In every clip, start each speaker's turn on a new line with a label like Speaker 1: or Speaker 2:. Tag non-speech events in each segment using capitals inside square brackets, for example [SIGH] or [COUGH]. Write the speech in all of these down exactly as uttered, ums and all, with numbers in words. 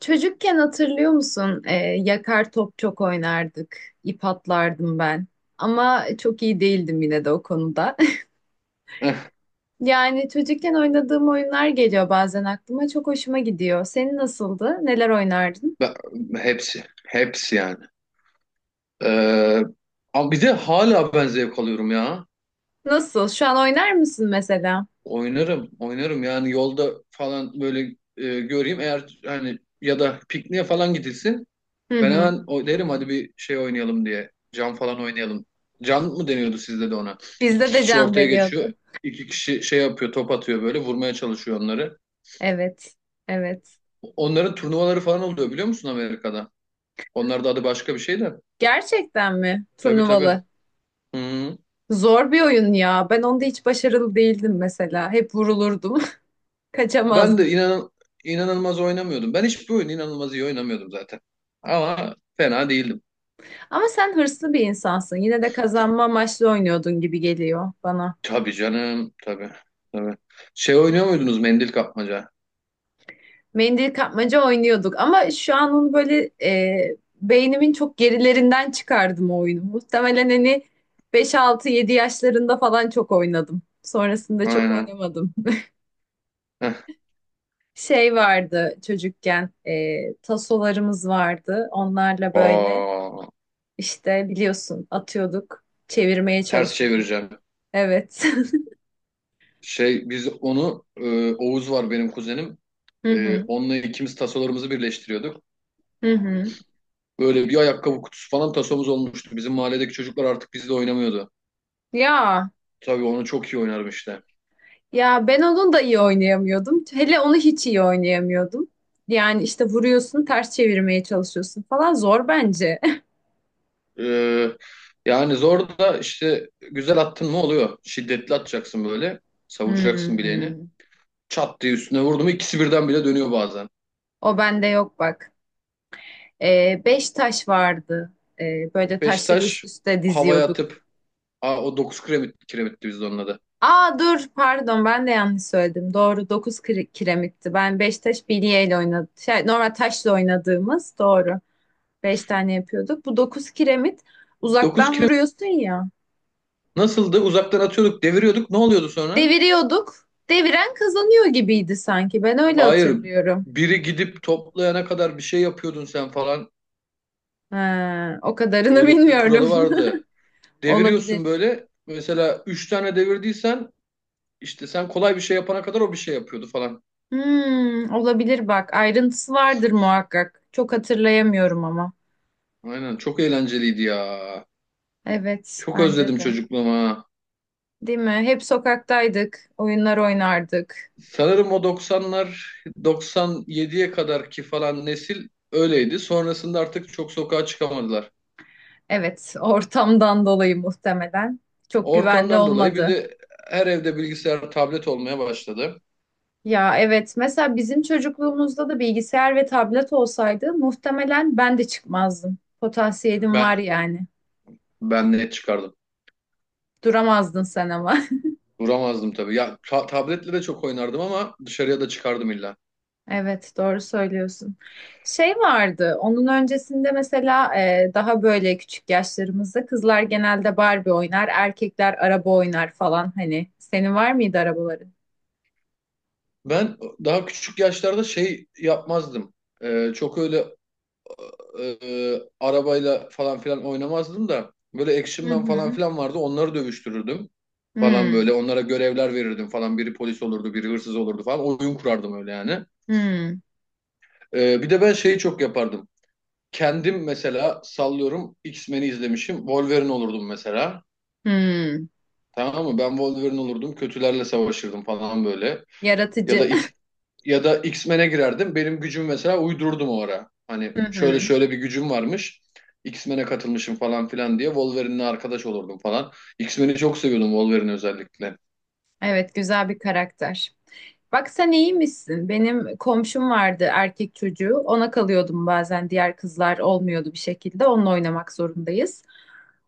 Speaker 1: Çocukken hatırlıyor musun? Ee, yakar top çok oynardık. İp atlardım ben. Ama çok iyi değildim yine de o konuda. [LAUGHS]
Speaker 2: Eh,
Speaker 1: Yani çocukken oynadığım oyunlar geliyor bazen aklıma. Çok hoşuma gidiyor. Senin nasıldı? Neler oynardın?
Speaker 2: ben- hepsi. Hepsi yani. Ee, Ama bir de hala ben zevk alıyorum ya.
Speaker 1: Nasıl? Şu an oynar mısın mesela?
Speaker 2: Oynarım. Oynarım yani yolda falan böyle e, göreyim. Eğer hani ya da pikniğe falan gidilsin.
Speaker 1: Hı
Speaker 2: Ben
Speaker 1: hı.
Speaker 2: hemen o derim hadi bir şey oynayalım diye. Can falan oynayalım. Can mı deniyordu sizde de ona? İki
Speaker 1: Bizde de
Speaker 2: kişi
Speaker 1: can
Speaker 2: ortaya geçiyor.
Speaker 1: deniyordu.
Speaker 2: İki kişi şey yapıyor, top atıyor böyle vurmaya çalışıyor onları.
Speaker 1: Evet. Evet.
Speaker 2: Onların turnuvaları falan oluyor biliyor musun Amerika'da? Onlar da adı başka bir şey de.
Speaker 1: Gerçekten mi?
Speaker 2: Tabii tabii.
Speaker 1: Turnuvalı.
Speaker 2: Hı.
Speaker 1: Zor bir oyun ya. Ben onda hiç başarılı değildim mesela. Hep vurulurdum. [LAUGHS]
Speaker 2: Ben de
Speaker 1: Kaçamazdım.
Speaker 2: inan inanılmaz oynamıyordum. Ben hiçbir oyun inanılmaz iyi oynamıyordum zaten. Ama fena değildim.
Speaker 1: Ama sen hırslı bir insansın. Yine de kazanma amaçlı oynuyordun gibi geliyor bana.
Speaker 2: Tabii canım, tabii. Tabii. Şey oynuyor muydunuz mendil kapmaca?
Speaker 1: Mendil kapmaca oynuyorduk ama şu an onu böyle e, beynimin çok gerilerinden çıkardım o oyunu. Muhtemelen hani beş altı-yedi yaşlarında falan çok oynadım. Sonrasında çok
Speaker 2: Aynen.
Speaker 1: oynamadım.
Speaker 2: Heh.
Speaker 1: Şey vardı çocukken e, tasolarımız vardı. Onlarla böyle
Speaker 2: Aa,
Speaker 1: işte biliyorsun atıyorduk, çevirmeye
Speaker 2: ters
Speaker 1: çalışıyorduk.
Speaker 2: çevireceğim.
Speaker 1: Evet.
Speaker 2: Şey biz onu e, Oğuz var benim kuzenim.
Speaker 1: [LAUGHS] Hı
Speaker 2: E,
Speaker 1: hı.
Speaker 2: onunla ikimiz tasolarımızı birleştiriyorduk.
Speaker 1: Hı hı.
Speaker 2: Böyle bir ayakkabı kutusu falan tasomuz olmuştu. Bizim mahalledeki çocuklar artık bizle oynamıyordu.
Speaker 1: Ya
Speaker 2: Tabii onu çok iyi oynarım işte.
Speaker 1: Ya ben onun da iyi oynayamıyordum. Hele onu hiç iyi oynayamıyordum. Yani işte vuruyorsun, ters çevirmeye çalışıyorsun falan zor bence. [LAUGHS]
Speaker 2: Ee, Yani zor da işte güzel attın mı oluyor. Şiddetli atacaksın böyle. Savuracaksın bileğini.
Speaker 1: Hmm.
Speaker 2: Çat diye üstüne vurdu mu ikisi birden bile dönüyor bazen.
Speaker 1: O bende yok bak. Ee, beş taş vardı. Ee, böyle taşları üst
Speaker 2: Beşiktaş
Speaker 1: üste
Speaker 2: havaya
Speaker 1: diziyorduk.
Speaker 2: atıp aa, o dokuz kiremit, kiremitti biz de onun adı.
Speaker 1: Aa dur pardon ben de yanlış söyledim. Doğru dokuz kire- kiremitti. Ben beş taş bilyeyle oynadım. Şey, normal taşla oynadığımız doğru. Beş tane yapıyorduk. Bu dokuz kiremit
Speaker 2: dokuz
Speaker 1: uzaktan
Speaker 2: kiremit
Speaker 1: vuruyorsun ya.
Speaker 2: nasıldı? Uzaktan atıyorduk, deviriyorduk. Ne oluyordu sonra?
Speaker 1: Deviriyorduk. Deviren kazanıyor gibiydi sanki. Ben öyle
Speaker 2: Hayır.
Speaker 1: hatırlıyorum.
Speaker 2: Biri gidip toplayana kadar bir şey yapıyordun sen falan.
Speaker 1: Ha, o kadarını [LAUGHS]
Speaker 2: Öyle bir
Speaker 1: bilmiyorum.
Speaker 2: kuralı vardı.
Speaker 1: [LAUGHS]
Speaker 2: Deviriyorsun
Speaker 1: Olabilir.
Speaker 2: böyle. Mesela üç tane devirdiysen işte sen kolay bir şey yapana kadar o bir şey yapıyordu falan.
Speaker 1: Hmm, olabilir bak. Ayrıntısı vardır muhakkak. Çok hatırlayamıyorum ama.
Speaker 2: Aynen çok eğlenceliydi ya.
Speaker 1: Evet,
Speaker 2: Çok
Speaker 1: bence
Speaker 2: özledim
Speaker 1: de.
Speaker 2: çocukluğumu ha.
Speaker 1: Değil mi? Hep sokaktaydık. Oyunlar oynardık.
Speaker 2: Sanırım o doksanlar doksan yediye kadarki falan nesil öyleydi. Sonrasında artık çok sokağa çıkamadılar.
Speaker 1: Evet, ortamdan dolayı muhtemelen. Çok güvenli
Speaker 2: Ortamdan dolayı bir
Speaker 1: olmadı.
Speaker 2: de her evde bilgisayar, tablet olmaya başladı.
Speaker 1: Ya evet mesela bizim çocukluğumuzda da bilgisayar ve tablet olsaydı muhtemelen ben de çıkmazdım. Potansiyelim var
Speaker 2: Ben
Speaker 1: yani.
Speaker 2: ben net çıkardım.
Speaker 1: Duramazdın sen ama. [LAUGHS]
Speaker 2: Duramazdım tabii. Ya ta- tabletle de çok oynardım ama dışarıya da çıkardım illa.
Speaker 1: Evet doğru söylüyorsun. Şey vardı onun öncesinde mesela e, daha böyle küçük yaşlarımızda kızlar genelde Barbie oynar, erkekler araba oynar falan hani. Senin var mıydı arabaları?
Speaker 2: Ben daha küçük yaşlarda şey yapmazdım. Ee, çok öyle e, arabayla falan filan oynamazdım da böyle Action
Speaker 1: Hı
Speaker 2: Man falan
Speaker 1: hı.
Speaker 2: filan vardı onları dövüştürürdüm falan
Speaker 1: Hmm.
Speaker 2: böyle onlara görevler verirdim falan biri polis olurdu biri hırsız olurdu falan oyun kurardım öyle yani.
Speaker 1: Hmm.
Speaker 2: E, bir de ben şeyi çok yapardım. Kendim mesela sallıyorum X-Men'i izlemişim Wolverine olurdum mesela.
Speaker 1: Hmm.
Speaker 2: Tamam mı? Ben Wolverine olurdum, kötülerle savaşırdım falan böyle. Ya da
Speaker 1: Yaratıcı.
Speaker 2: X- ya da X-Men'e girerdim. Benim gücümü mesela uydururdum o ara. Hani
Speaker 1: [LAUGHS] Hı
Speaker 2: şöyle
Speaker 1: hı.
Speaker 2: şöyle bir gücüm varmış. X-Men'e katılmışım falan filan diye Wolverine'le arkadaş olurdum falan. X-Men'i çok seviyordum Wolverine özellikle.
Speaker 1: Evet güzel bir karakter. Bak sen iyiymişsin. Benim komşum vardı erkek çocuğu. Ona kalıyordum bazen. Diğer kızlar olmuyordu bir şekilde. Onunla oynamak zorundayız.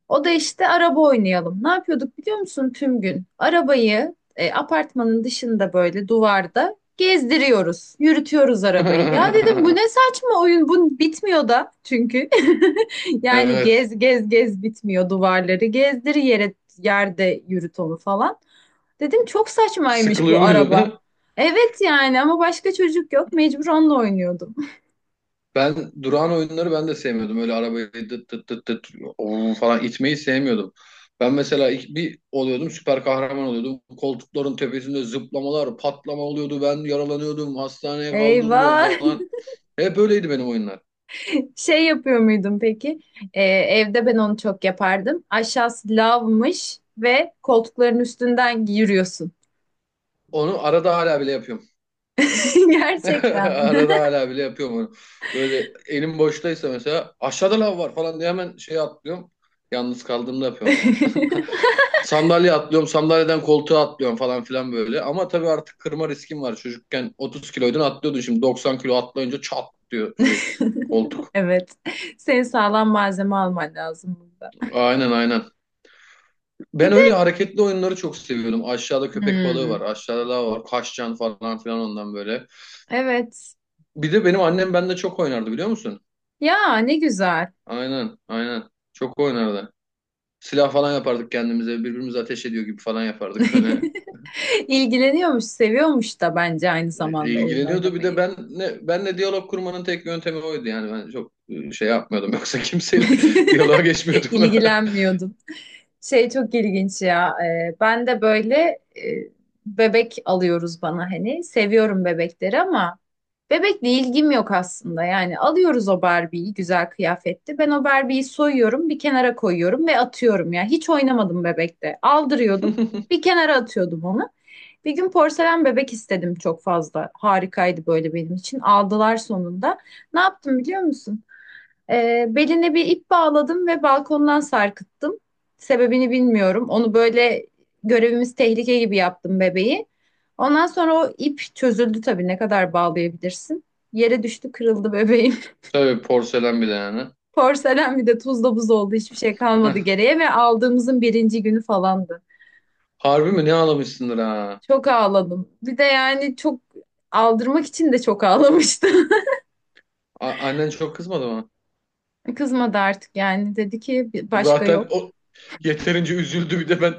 Speaker 1: O da işte araba oynayalım. Ne yapıyorduk biliyor musun tüm gün? Arabayı e, apartmanın dışında böyle duvarda gezdiriyoruz. Yürütüyoruz arabayı. Ya dedim bu ne
Speaker 2: [LAUGHS]
Speaker 1: saçma oyun. Bu bitmiyor da çünkü. [LAUGHS] Yani
Speaker 2: Evet.
Speaker 1: gez gez gez bitmiyor duvarları. Gezdir yere yerde yürüt onu falan. Dedim çok saçmaymış
Speaker 2: Sıkılıyor
Speaker 1: bu
Speaker 2: muydun?
Speaker 1: araba.
Speaker 2: [LAUGHS]
Speaker 1: Evet yani ama başka çocuk yok. Mecbur onunla oynuyordum. [LAUGHS]
Speaker 2: Ben durağan oyunları ben de sevmiyordum. Öyle arabayı dıt dıt dıt dıt oo falan itmeyi sevmiyordum. Ben mesela ilk bir oluyordum süper kahraman oluyordum. Koltukların tepesinde zıplamalar, patlama oluyordu. Ben yaralanıyordum, hastaneye kaldırılıyorum
Speaker 1: Eyvah.
Speaker 2: falan. Hep böyleydi benim oyunlar.
Speaker 1: Şey yapıyor muydum peki? Ee, evde ben onu çok yapardım. Aşağısı lavmış ve koltukların üstünden yürüyorsun.
Speaker 2: Onu arada hala bile yapıyorum.
Speaker 1: [LAUGHS] Gerçekten
Speaker 2: [LAUGHS]
Speaker 1: mi?
Speaker 2: Arada hala bile yapıyorum onu. Böyle elim boştaysa mesela aşağıda lav var falan diye hemen şeye atlıyorum. Yalnız kaldığımda yapıyorum ama. [LAUGHS] Sandalye atlıyorum, sandalyeden koltuğa atlıyorum falan filan böyle. Ama tabii artık kırma riskim var. Çocukken otuz kiloydun atlıyordun şimdi doksan kilo atlayınca çat diyor şey
Speaker 1: [LAUGHS]
Speaker 2: koltuk.
Speaker 1: Evet. Senin sağlam malzeme alman lazım burada.
Speaker 2: Aynen aynen. Ben
Speaker 1: Bir de.
Speaker 2: öyle hareketli oyunları çok seviyorum. Aşağıda köpek balığı var,
Speaker 1: Hmm,
Speaker 2: aşağıda lav var, kaşcan falan filan ondan böyle.
Speaker 1: evet.
Speaker 2: Bir de benim annem bende çok oynardı biliyor musun?
Speaker 1: Ya ne güzel.
Speaker 2: Aynen, aynen. Çok oynardı. Silah falan yapardık kendimize, birbirimize ateş ediyor gibi falan yapardık [LAUGHS] öyle.
Speaker 1: [LAUGHS] İlgileniyormuş, seviyormuş da bence aynı
Speaker 2: İ-
Speaker 1: zamanda oyun
Speaker 2: İlgileniyordu. Bir de
Speaker 1: oynamayı.
Speaker 2: ben ne benle diyalog kurmanın tek yöntemi oydu yani ben çok e, şey yapmıyordum yoksa kimseyle [LAUGHS] diyaloğa
Speaker 1: [LAUGHS]
Speaker 2: geçmiyordum.
Speaker 1: İlgilenmiyordum. Şey çok ilginç ya. e, ben de böyle e, bebek alıyoruz bana hani. Seviyorum bebekleri ama bebekle ilgim yok aslında. Yani alıyoruz o Barbie'yi güzel kıyafetli. Ben o Barbie'yi soyuyorum, bir kenara koyuyorum ve atıyorum ya. Hiç oynamadım bebekte. Aldırıyordum,
Speaker 2: [LAUGHS]
Speaker 1: bir kenara atıyordum onu. Bir gün porselen bebek istedim çok fazla. Harikaydı böyle benim için. Aldılar sonunda. Ne yaptım biliyor musun? Ee, beline bir ip bağladım ve balkondan sarkıttım. Sebebini bilmiyorum. Onu böyle görevimiz tehlike gibi yaptım bebeği. Ondan sonra o ip çözüldü tabii. Ne kadar bağlayabilirsin? Yere düştü, kırıldı bebeğim.
Speaker 2: Tabii porselen bile yani. [LAUGHS]
Speaker 1: [LAUGHS] Porselen bir de tuzla buz oldu. Hiçbir şey
Speaker 2: Eh,
Speaker 1: kalmadı geriye ve aldığımızın birinci günü falandı.
Speaker 2: harbi mi ne ağlamışsındır ha?
Speaker 1: Çok ağladım. Bir de yani çok aldırmak için de çok ağlamıştım.
Speaker 2: A- annen çok kızmadı mı?
Speaker 1: Kızmadı artık yani. Dedi ki "Bir- başka
Speaker 2: Zaten
Speaker 1: yok.
Speaker 2: o yeterince üzüldü bir de ben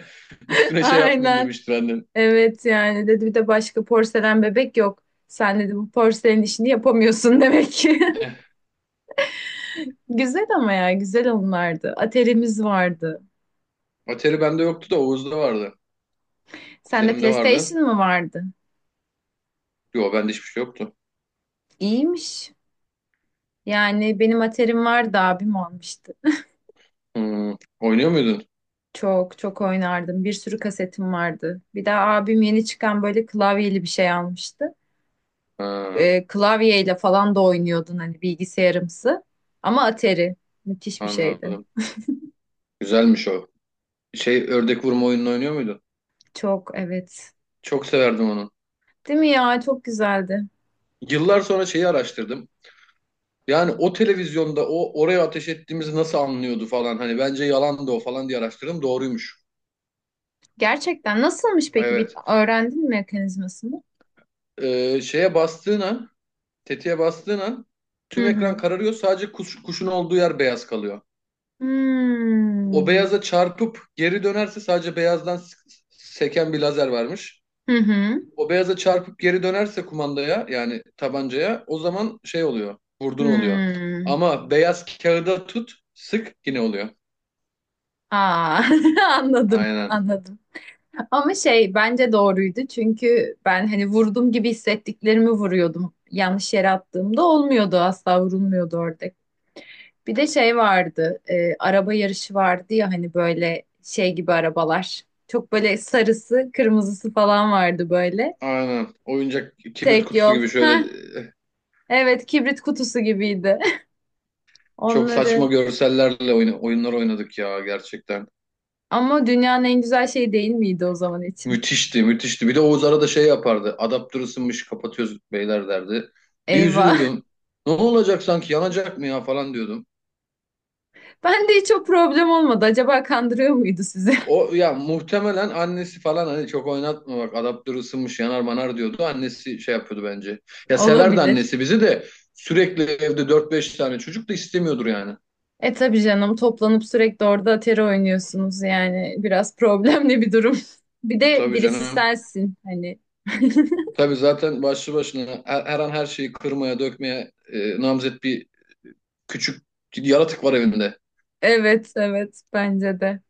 Speaker 1: [LAUGHS]
Speaker 2: üstüne şey yapmayayım
Speaker 1: Aynen.
Speaker 2: demiştir annen.
Speaker 1: Evet yani dedi bir de başka porselen bebek yok. Sen dedi bu porselen işini yapamıyorsun demek ki. [LAUGHS] Güzel ama ya güzel onlardı. Atari'miz vardı.
Speaker 2: Atari bende yoktu da Oğuz'da vardı.
Speaker 1: Sende
Speaker 2: Kuzenimde vardı.
Speaker 1: PlayStation mı vardı?
Speaker 2: Yo bende hiçbir şey yoktu.
Speaker 1: İyiymiş. Yani benim Atari'm vardı abim almıştı.
Speaker 2: Hmm. Oynuyor muydun?
Speaker 1: Çok çok oynardım. Bir sürü kasetim vardı. Bir de abim yeni çıkan böyle klavyeli bir şey almıştı.
Speaker 2: Ha,
Speaker 1: e, klavyeyle falan da oynuyordun hani bilgisayarımsı. Ama Atari müthiş bir şeydi.
Speaker 2: anladım. Güzelmiş o. Şey ördek vurma oyununu oynuyor muydun?
Speaker 1: Çok evet.
Speaker 2: Çok severdim onu.
Speaker 1: Değil mi ya? Çok güzeldi.
Speaker 2: Yıllar sonra şeyi araştırdım. Yani o televizyonda o oraya ateş ettiğimizi nasıl anlıyordu falan. Hani bence yalandı o falan diye araştırdım. Doğruymuş.
Speaker 1: Gerçekten nasılmış peki? Bir
Speaker 2: Evet.
Speaker 1: öğrendin mi mekanizmasını?
Speaker 2: Ee, şeye bastığın an, tetiğe bastığın an
Speaker 1: Hı
Speaker 2: tüm ekran
Speaker 1: hı.
Speaker 2: kararıyor. Sadece kuş, kuşun olduğu yer beyaz kalıyor. O
Speaker 1: Hmm.
Speaker 2: beyaza çarpıp geri dönerse sadece beyazdan s- s- seken bir lazer varmış.
Speaker 1: Hı hı.
Speaker 2: O beyaza çarpıp geri dönerse kumandaya yani tabancaya o zaman şey oluyor. Vurdun oluyor.
Speaker 1: Hmm.
Speaker 2: Ama beyaz kağıda tut sık yine oluyor.
Speaker 1: Aa, [LAUGHS] anladım,
Speaker 2: Aynen.
Speaker 1: anladım. Ama şey bence doğruydu çünkü ben hani vurdum gibi hissettiklerimi vuruyordum. Yanlış yere attığımda olmuyordu asla vurulmuyordu orada. Bir de şey vardı, e, araba yarışı vardı ya hani böyle şey gibi arabalar. Çok böyle sarısı, kırmızısı falan vardı böyle.
Speaker 2: Aynen. Oyuncak kibrit
Speaker 1: Tek
Speaker 2: kutusu
Speaker 1: yol.
Speaker 2: gibi şöyle
Speaker 1: Heh,
Speaker 2: eh,
Speaker 1: evet kibrit kutusu gibiydi. [LAUGHS]
Speaker 2: çok saçma
Speaker 1: Onları.
Speaker 2: görsellerle oyna- oyunlar oynadık ya gerçekten.
Speaker 1: Ama dünyanın en güzel şeyi değil miydi o zaman için?
Speaker 2: Müthişti, müthişti. Bir de Oğuz arada şey yapardı. Adaptör ısınmış, kapatıyoruz beyler derdi. Bir
Speaker 1: Eyvah. [LAUGHS]
Speaker 2: üzülürdüm. Ne olacak sanki yanacak mı ya falan diyordum.
Speaker 1: Ben de hiç o problem olmadı. Acaba kandırıyor muydu sizi? [LAUGHS]
Speaker 2: O ya muhtemelen annesi falan hani çok oynatma bak adaptör ısınmış yanar manar diyordu. Annesi şey yapıyordu bence. Ya severdi
Speaker 1: Olabilir.
Speaker 2: annesi bizi de sürekli evde dört beş tane çocuk da istemiyordur yani.
Speaker 1: E tabii canım toplanıp sürekli orada atari oynuyorsunuz yani biraz problemli bir durum. [LAUGHS] Bir de
Speaker 2: Tabii
Speaker 1: birisi
Speaker 2: canım.
Speaker 1: sensin hani. [LAUGHS]
Speaker 2: Tabii zaten başlı başına her, her an her şeyi kırmaya dökmeye e, namzet bir küçük yaratık var evinde.
Speaker 1: Evet, evet bence de.